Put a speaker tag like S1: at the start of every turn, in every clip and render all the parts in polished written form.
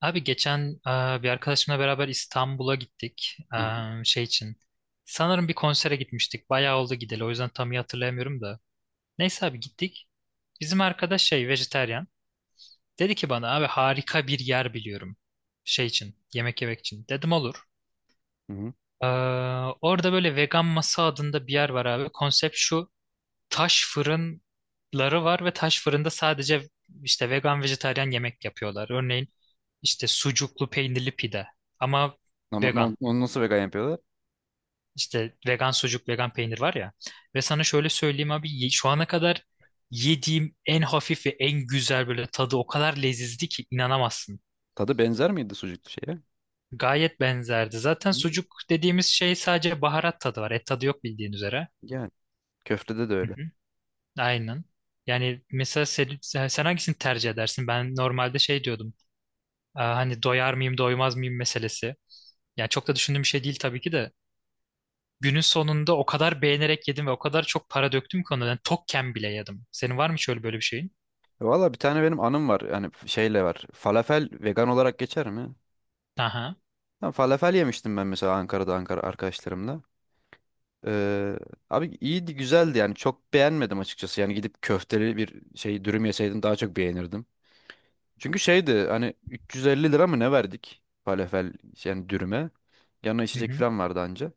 S1: Abi geçen bir arkadaşımla beraber İstanbul'a gittik.
S2: Hı hı.
S1: Şey için. Sanırım bir konsere gitmiştik. Bayağı oldu gideli. O yüzden tam iyi hatırlayamıyorum da. Neyse abi gittik. Bizim arkadaş şey vejetaryen. Dedi ki bana abi harika bir yer biliyorum. Şey için. Yemek yemek için. Dedim olur.
S2: Hı hı.
S1: E, orada böyle vegan masa adında bir yer var abi. Konsept şu, taş fırınları var ve taş fırında sadece işte vegan vejetaryen yemek yapıyorlar. Örneğin işte sucuklu peynirli pide ama
S2: Ama
S1: vegan.
S2: onu nasıl vegan yapıyorlar?
S1: İşte vegan sucuk, vegan peynir var ya. Ve sana şöyle söyleyeyim abi, şu ana kadar yediğim en hafif ve en güzel, böyle tadı o kadar lezizdi ki inanamazsın.
S2: Tadı benzer miydi sucuklu şeye?
S1: Gayet benzerdi. Zaten
S2: Hı.
S1: sucuk dediğimiz şey, sadece baharat tadı var. Et tadı yok bildiğin üzere.
S2: Yani köftede de
S1: Hı
S2: öyle.
S1: hı, aynen. Yani mesela sen hangisini tercih edersin? Ben normalde şey diyordum. Hani doyar mıyım doymaz mıyım meselesi. Yani çok da düşündüğüm bir şey değil tabii ki de. Günün sonunda o kadar beğenerek yedim ve o kadar çok para döktüm ki ona. Yani tokken bile yedim. Senin var mı şöyle böyle bir şeyin?
S2: Valla bir tane benim anım var. Yani şeyle var. Falafel vegan olarak geçer mi?
S1: Aha.
S2: Ha, falafel yemiştim ben mesela Ankara'da Ankara arkadaşlarımla. Ee, Abi iyiydi güzeldi yani çok beğenmedim açıkçası. Yani gidip köfteli bir şey dürüm yeseydim daha çok beğenirdim. Çünkü şeydi hani 350 lira mı ne verdik falafel yani dürüme. Yanına
S1: Hı
S2: içecek
S1: hı.
S2: falan vardı anca.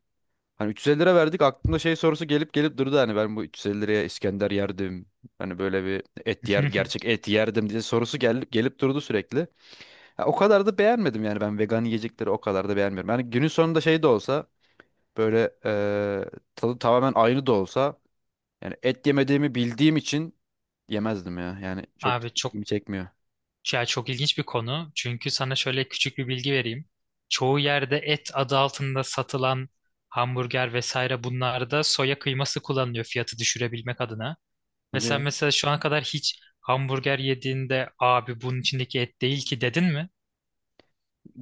S2: Hani 350 lira verdik, aklımda şey sorusu gelip gelip durdu, hani ben bu 350 liraya İskender yerdim. Hani böyle bir et yer, gerçek et yerdim diye sorusu gelip gelip durdu sürekli. Ha, o kadar da beğenmedim yani, ben vegan yiyecekleri o kadar da beğenmiyorum. Yani günün sonunda şey de olsa böyle tadı tamamen aynı da olsa, yani et yemediğimi bildiğim için yemezdim ya. Yani çok
S1: Abi çok,
S2: ilgimi çekmiyor.
S1: ya çok ilginç bir konu. Çünkü sana şöyle küçük bir bilgi vereyim. Çoğu yerde et adı altında satılan hamburger vesaire, bunlarda soya kıyması kullanılıyor, fiyatı düşürebilmek adına. Ve
S2: Hadi
S1: sen
S2: ya.
S1: mesela şu ana kadar hiç hamburger yediğinde, abi bunun içindeki et değil ki, dedin mi?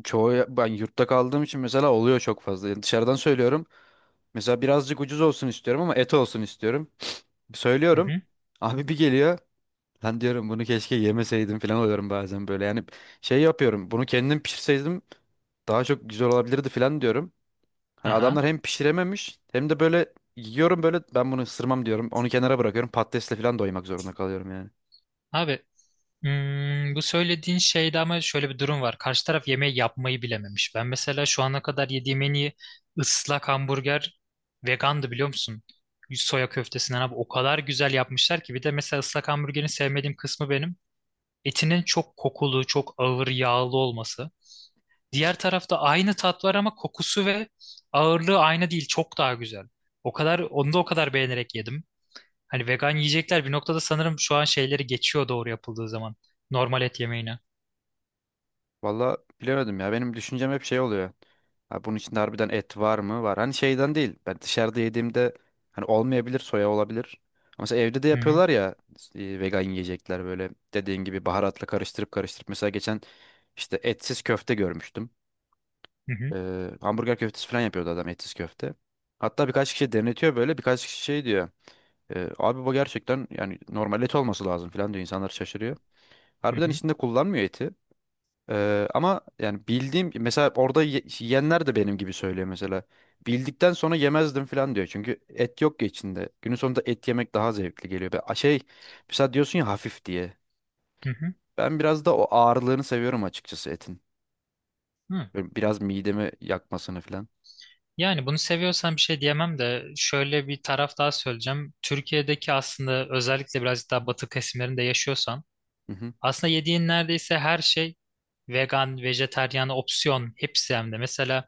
S2: Çoğu ben yurtta kaldığım için mesela oluyor çok fazla. Yani dışarıdan söylüyorum. Mesela birazcık ucuz olsun istiyorum ama et olsun istiyorum. Söylüyorum. Abi bir geliyor. Lan diyorum bunu keşke yemeseydim falan oluyorum bazen böyle. Yani şey yapıyorum. Bunu kendim pişirseydim daha çok güzel olabilirdi falan diyorum. Hani adamlar
S1: Aha.
S2: hem pişirememiş hem de böyle yiyorum, böyle ben bunu ısırmam diyorum. Onu kenara bırakıyorum. Patatesle falan doymak zorunda kalıyorum yani.
S1: Abi, bu söylediğin şeyde ama şöyle bir durum var. Karşı taraf yemeği yapmayı bilememiş. Ben mesela şu ana kadar yediğim en iyi ıslak hamburger vegandı, biliyor musun? Soya köftesinden abi o kadar güzel yapmışlar ki. Bir de mesela ıslak hamburgerin sevmediğim kısmı benim, etinin çok kokulu, çok ağır, yağlı olması. Diğer tarafta aynı tat var ama kokusu ve ağırlığı aynı değil. Çok daha güzel. O kadar, onu da o kadar beğenerek yedim. Hani vegan yiyecekler bir noktada sanırım şu an şeyleri geçiyor, doğru yapıldığı zaman. Normal et yemeğine.
S2: Valla bilemedim ya. Benim düşüncem hep şey oluyor. Ha, bunun içinde harbiden et var mı? Var. Hani şeyden değil. Ben dışarıda yediğimde hani olmayabilir, soya olabilir. Ama mesela evde de
S1: Hı hı
S2: yapıyorlar ya, vegan yiyecekler böyle dediğin gibi baharatla karıştırıp karıştırıp. Mesela geçen işte etsiz köfte görmüştüm.
S1: hı hı
S2: Hamburger köftesi falan yapıyordu adam, etsiz köfte. Hatta birkaç kişi denetiyor böyle. Birkaç kişi şey diyor. Abi bu gerçekten yani normal et olması lazım" falan diyor. İnsanlar şaşırıyor.
S1: hı
S2: Harbiden
S1: hı.
S2: içinde kullanmıyor eti. Ama yani bildiğim mesela orada yiyenler de benim gibi söylüyor mesela. Bildikten sonra yemezdim falan diyor. Çünkü et yok ya içinde. Günün sonunda et yemek daha zevkli geliyor. Şey mesela diyorsun ya hafif diye.
S1: Hı hı,
S2: Ben biraz da o ağırlığını seviyorum açıkçası etin.
S1: hı.
S2: Böyle biraz midemi yakmasını falan.
S1: Yani bunu seviyorsan bir şey diyemem de şöyle bir taraf daha söyleyeceğim. Türkiye'deki, aslında özellikle birazcık daha batı kesimlerinde yaşıyorsan,
S2: Hı hı.
S1: aslında yediğin neredeyse her şey vegan, vejeteryan opsiyon hepsi hem de. Mesela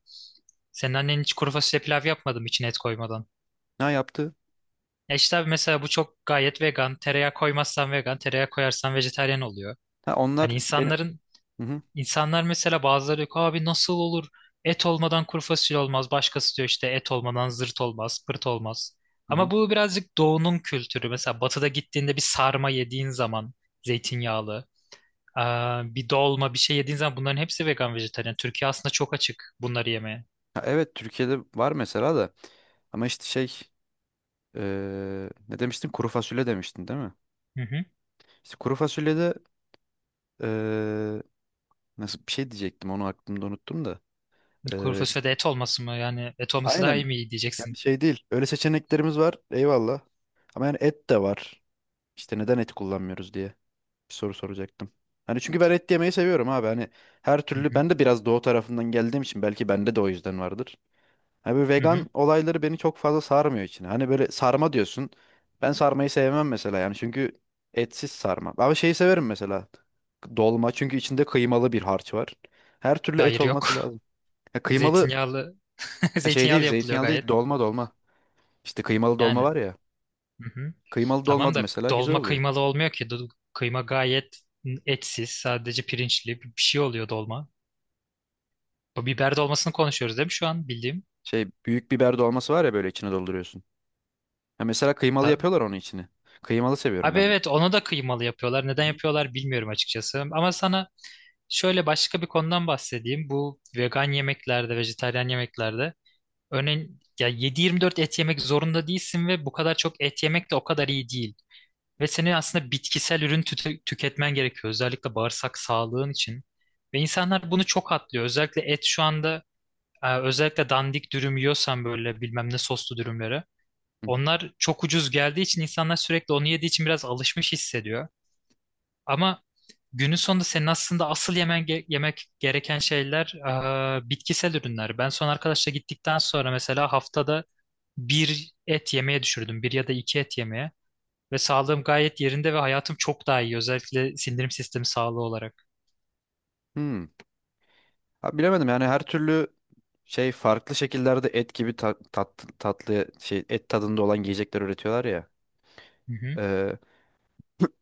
S1: senin annen hiç kuru fasulye pilav yapmadım içine et koymadan.
S2: Ne yaptı?
S1: E işte abi, mesela bu çok gayet vegan. Tereyağı koymazsan vegan, tereyağı koyarsan vejeteryan oluyor.
S2: Ha
S1: Hani
S2: onlar beni,
S1: insanların
S2: hı hı,
S1: insanlar mesela, bazıları yok abi nasıl olur? Et olmadan kuru fasulye olmaz. Başkası diyor işte et olmadan zırt olmaz, pırt olmaz.
S2: hı hı.
S1: Ama bu birazcık doğunun kültürü. Mesela batıda gittiğinde bir sarma yediğin zaman, zeytinyağlı, aa, bir dolma bir şey yediğin zaman, bunların hepsi vegan vejetaryen. Türkiye aslında çok açık bunları yemeye.
S2: Ha, evet, Türkiye'de var mesela da. Ama işte şey ne demiştin? Kuru fasulye demiştin değil mi?
S1: Hı hı.
S2: İşte kuru fasulyede, nasıl bir şey diyecektim onu aklımda unuttum da.
S1: Kuru
S2: Ee,
S1: fasulyede et olması mı? Yani et olması daha
S2: aynen,
S1: iyi mi, iyi
S2: yani
S1: diyeceksin.
S2: şey değil. Öyle seçeneklerimiz var. Eyvallah. Ama yani et de var. İşte neden et kullanmıyoruz diye bir soru soracaktım. Hani çünkü ben et yemeyi seviyorum abi. Hani her
S1: Hı
S2: türlü,
S1: hı.
S2: ben de biraz doğu tarafından geldiğim için belki bende de o yüzden vardır. Hani böyle
S1: Hı hı.
S2: vegan olayları beni çok fazla sarmıyor içine. Hani böyle sarma diyorsun. Ben sarmayı sevmem mesela, yani çünkü etsiz sarma. Ama şeyi severim mesela. Dolma, çünkü içinde kıymalı bir harç var. Her türlü et
S1: Hayır yok.
S2: olması lazım. Ya kıymalı,
S1: Zeytinyağlı
S2: ha, şey
S1: zeytinyağlı
S2: değil,
S1: yapılıyor
S2: zeytinyağlı değil,
S1: gayet.
S2: dolma dolma. İşte kıymalı dolma
S1: Yani.
S2: var ya.
S1: Hı hı.
S2: Kıymalı
S1: Tamam
S2: dolma da
S1: da
S2: mesela güzel
S1: dolma
S2: oluyor.
S1: kıymalı olmuyor ki. Kıyma gayet etsiz, sadece pirinçli bir şey oluyor dolma. Bu biber dolmasını konuşuyoruz değil mi şu an, bildiğim?
S2: Şey büyük biber dolması var ya, böyle içine dolduruyorsun. Ha, mesela kıymalı
S1: Ta-
S2: yapıyorlar onun içini. Kıymalı seviyorum
S1: Abi
S2: ben.
S1: evet, onu da kıymalı yapıyorlar.
S2: Hı
S1: Neden
S2: hı.
S1: yapıyorlar bilmiyorum açıkçası. Ama sana şöyle başka bir konudan bahsedeyim. Bu vegan yemeklerde, vejetaryen yemeklerde, örneğin ya 7/24 et yemek zorunda değilsin ve bu kadar çok et yemek de o kadar iyi değil. Ve senin aslında bitkisel ürün tüketmen gerekiyor. Özellikle bağırsak sağlığın için. Ve insanlar bunu çok atlıyor. Özellikle et şu anda, özellikle dandik dürüm yiyorsan, böyle bilmem ne soslu dürümleri.
S2: Hı hı.
S1: Onlar çok ucuz geldiği için, insanlar sürekli onu yediği için, biraz alışmış hissediyor. Ama günün sonunda senin aslında asıl yemen yemek gereken şeyler, bitkisel ürünler. Ben son arkadaşla gittikten sonra mesela haftada bir et yemeye düşürdüm. Bir ya da iki et yemeye. Ve sağlığım gayet yerinde ve hayatım çok daha iyi. Özellikle sindirim sistemi sağlığı olarak.
S2: Hmm. Ha, bilemedim yani her türlü şey farklı şekillerde et gibi tat, tatlı şey et tadında olan yiyecekler üretiyorlar ya.
S1: Hı hı,
S2: Ee,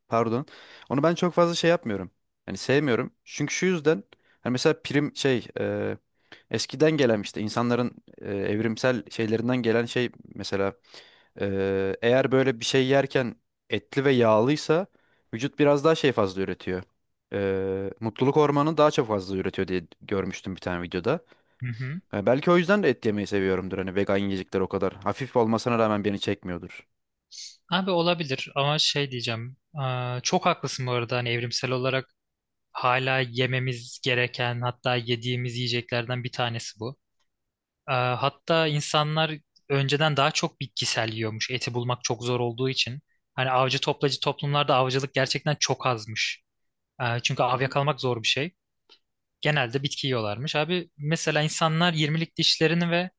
S2: Pardon. Onu ben çok fazla şey yapmıyorum. Hani sevmiyorum. Çünkü şu yüzden, hani mesela prim şey eskiden gelen işte insanların, evrimsel şeylerinden gelen şey mesela, eğer böyle bir şey yerken etli ve yağlıysa vücut biraz daha şey fazla üretiyor. Mutluluk hormonu daha çok fazla üretiyor diye görmüştüm bir tane videoda.
S1: hı hı.
S2: Ha, belki o yüzden de et yemeyi seviyorumdur. Hani vegan yiyecekler o kadar hafif olmasına rağmen beni çekmiyordur.
S1: Abi olabilir ama şey diyeceğim. Aa, çok haklısın bu arada. Hani evrimsel olarak hala yememiz gereken, hatta yediğimiz yiyeceklerden bir tanesi bu. Aa, hatta insanlar önceden daha çok bitkisel yiyormuş, eti bulmak çok zor olduğu için. Hani avcı toplacı toplumlarda avcılık gerçekten çok azmış. Aa, çünkü
S2: Hı
S1: av
S2: hı.
S1: yakalamak zor bir şey. Genelde bitki yiyorlarmış. Abi mesela insanlar 20'lik dişlerini ve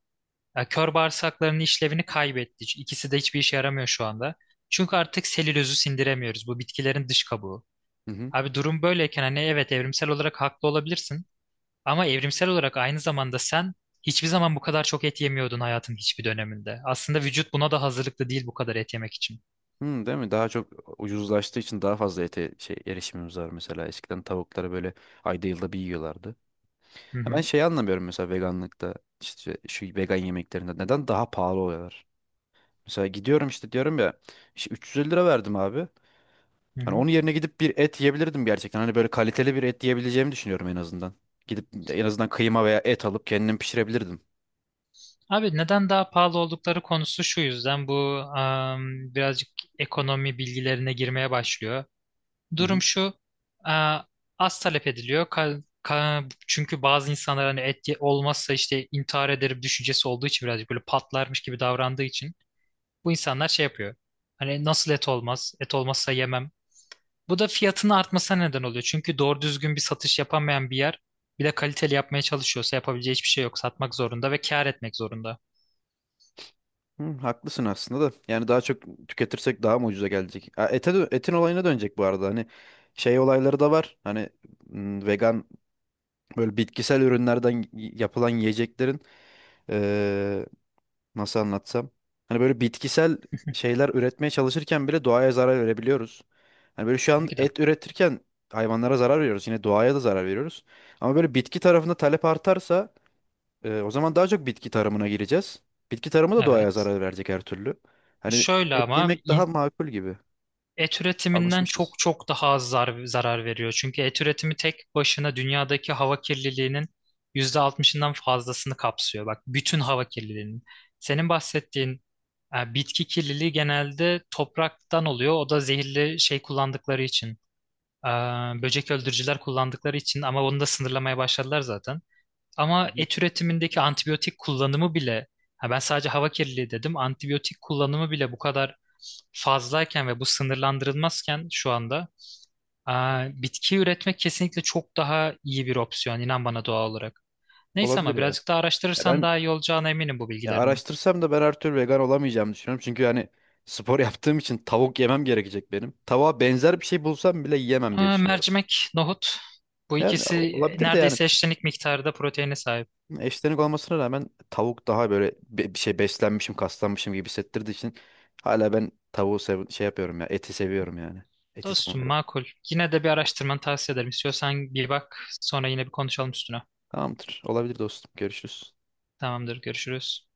S1: Kör bağırsaklarının işlevini kaybetti. İkisi de hiçbir işe yaramıyor şu anda. Çünkü artık selülozu sindiremiyoruz. Bu bitkilerin dış kabuğu.
S2: Hı,
S1: Abi durum böyleyken, hani evet evrimsel olarak haklı olabilirsin. Ama evrimsel olarak aynı zamanda sen hiçbir zaman bu kadar çok et yemiyordun hayatın hiçbir döneminde. Aslında vücut buna da hazırlıklı değil bu kadar et yemek için.
S2: değil mi? Daha çok ucuzlaştığı için daha fazla ete şey erişimimiz var mesela. Eskiden tavukları böyle ayda yılda bir yiyorlardı.
S1: Hı
S2: Ya ben
S1: hı,
S2: şeyi anlamıyorum mesela, veganlıkta işte şu vegan yemeklerinde neden daha pahalı oluyorlar? Mesela gidiyorum işte diyorum ya, işte 350 lira verdim abi.
S1: hı
S2: Hani
S1: hı.
S2: onun yerine gidip bir et yiyebilirdim gerçekten. Hani böyle kaliteli bir et yiyebileceğimi düşünüyorum en azından. Gidip en azından kıyma veya et alıp kendim pişirebilirdim.
S1: Abi neden daha pahalı oldukları konusu şu yüzden, bu birazcık ekonomi bilgilerine girmeye başlıyor.
S2: Hı
S1: Durum
S2: hı.
S1: şu, e, az talep ediliyor. Çünkü bazı insanlar hani et olmazsa işte intihar ederim düşüncesi olduğu için, birazcık böyle patlarmış gibi davrandığı için, bu insanlar şey yapıyor. Hani nasıl et olmaz, et olmazsa yemem, bu da fiyatının artmasına neden oluyor. Çünkü doğru düzgün bir satış yapamayan bir yer, bir de kaliteli yapmaya çalışıyorsa yapabileceği hiçbir şey yok. Satmak zorunda ve kâr etmek zorunda.
S2: Hı, haklısın aslında da. Yani daha çok tüketirsek daha mı ucuza gelecek? Ha, ete etin olayına dönecek bu arada. Hani şey olayları da var. Hani vegan, böyle bitkisel ürünlerden yapılan yiyeceklerin, nasıl anlatsam? Hani böyle bitkisel şeyler üretmeye çalışırken bile doğaya zarar verebiliyoruz. Hani böyle şu an
S1: Tabii ki de.
S2: et üretirken hayvanlara zarar veriyoruz. Yine doğaya da zarar veriyoruz. Ama böyle bitki tarafında talep artarsa, o zaman daha çok bitki tarımına gireceğiz. Bitki tarımı da doğaya
S1: Evet.
S2: zarar verecek her türlü. Hani
S1: Şöyle
S2: et
S1: ama
S2: yemek daha
S1: in-
S2: makul gibi.
S1: Et üretiminden
S2: Alışmışız.
S1: çok çok daha az zarar veriyor. Çünkü et üretimi tek başına dünyadaki hava kirliliğinin %60'ından fazlasını kapsıyor. Bak, bütün hava kirliliğinin. Senin bahsettiğin bitki kirliliği genelde topraktan oluyor. O da zehirli şey kullandıkları için. e, böcek öldürücüler kullandıkları için, ama onu da sınırlamaya başladılar zaten.
S2: Hı
S1: Ama
S2: hı.
S1: et üretimindeki antibiyotik kullanımı bile, ha ben sadece hava kirliliği dedim, antibiyotik kullanımı bile bu kadar fazlayken ve bu sınırlandırılmazken şu anda, aa, bitki üretmek kesinlikle çok daha iyi bir opsiyon, inan bana, doğal olarak. Neyse,
S2: Olabilir
S1: ama
S2: ya.
S1: birazcık daha
S2: Ya
S1: araştırırsan
S2: ben,
S1: daha iyi olacağına eminim bu
S2: ya
S1: bilgilerinin.
S2: araştırsam da ben her türlü vegan olamayacağımı düşünüyorum. Çünkü hani spor yaptığım için tavuk yemem gerekecek benim. Tavuğa benzer bir şey bulsam bile yiyemem diye
S1: Aa,
S2: düşünüyorum.
S1: mercimek, nohut, bu
S2: Yani
S1: ikisi
S2: olabilir de, yani
S1: neredeyse eşlenik miktarda proteine sahip.
S2: eşlenik olmasına rağmen tavuk daha böyle bir şey, beslenmişim, kaslanmışım gibi hissettirdiği için hala ben tavuğu sev şey yapıyorum ya, eti seviyorum yani. Eti
S1: Dostum
S2: savunuyorum.
S1: makul. Yine de bir araştırmanı tavsiye ederim. İstiyorsan bir bak, sonra yine bir konuşalım üstüne.
S2: Tamamdır. Olabilir dostum. Görüşürüz.
S1: Tamamdır, görüşürüz.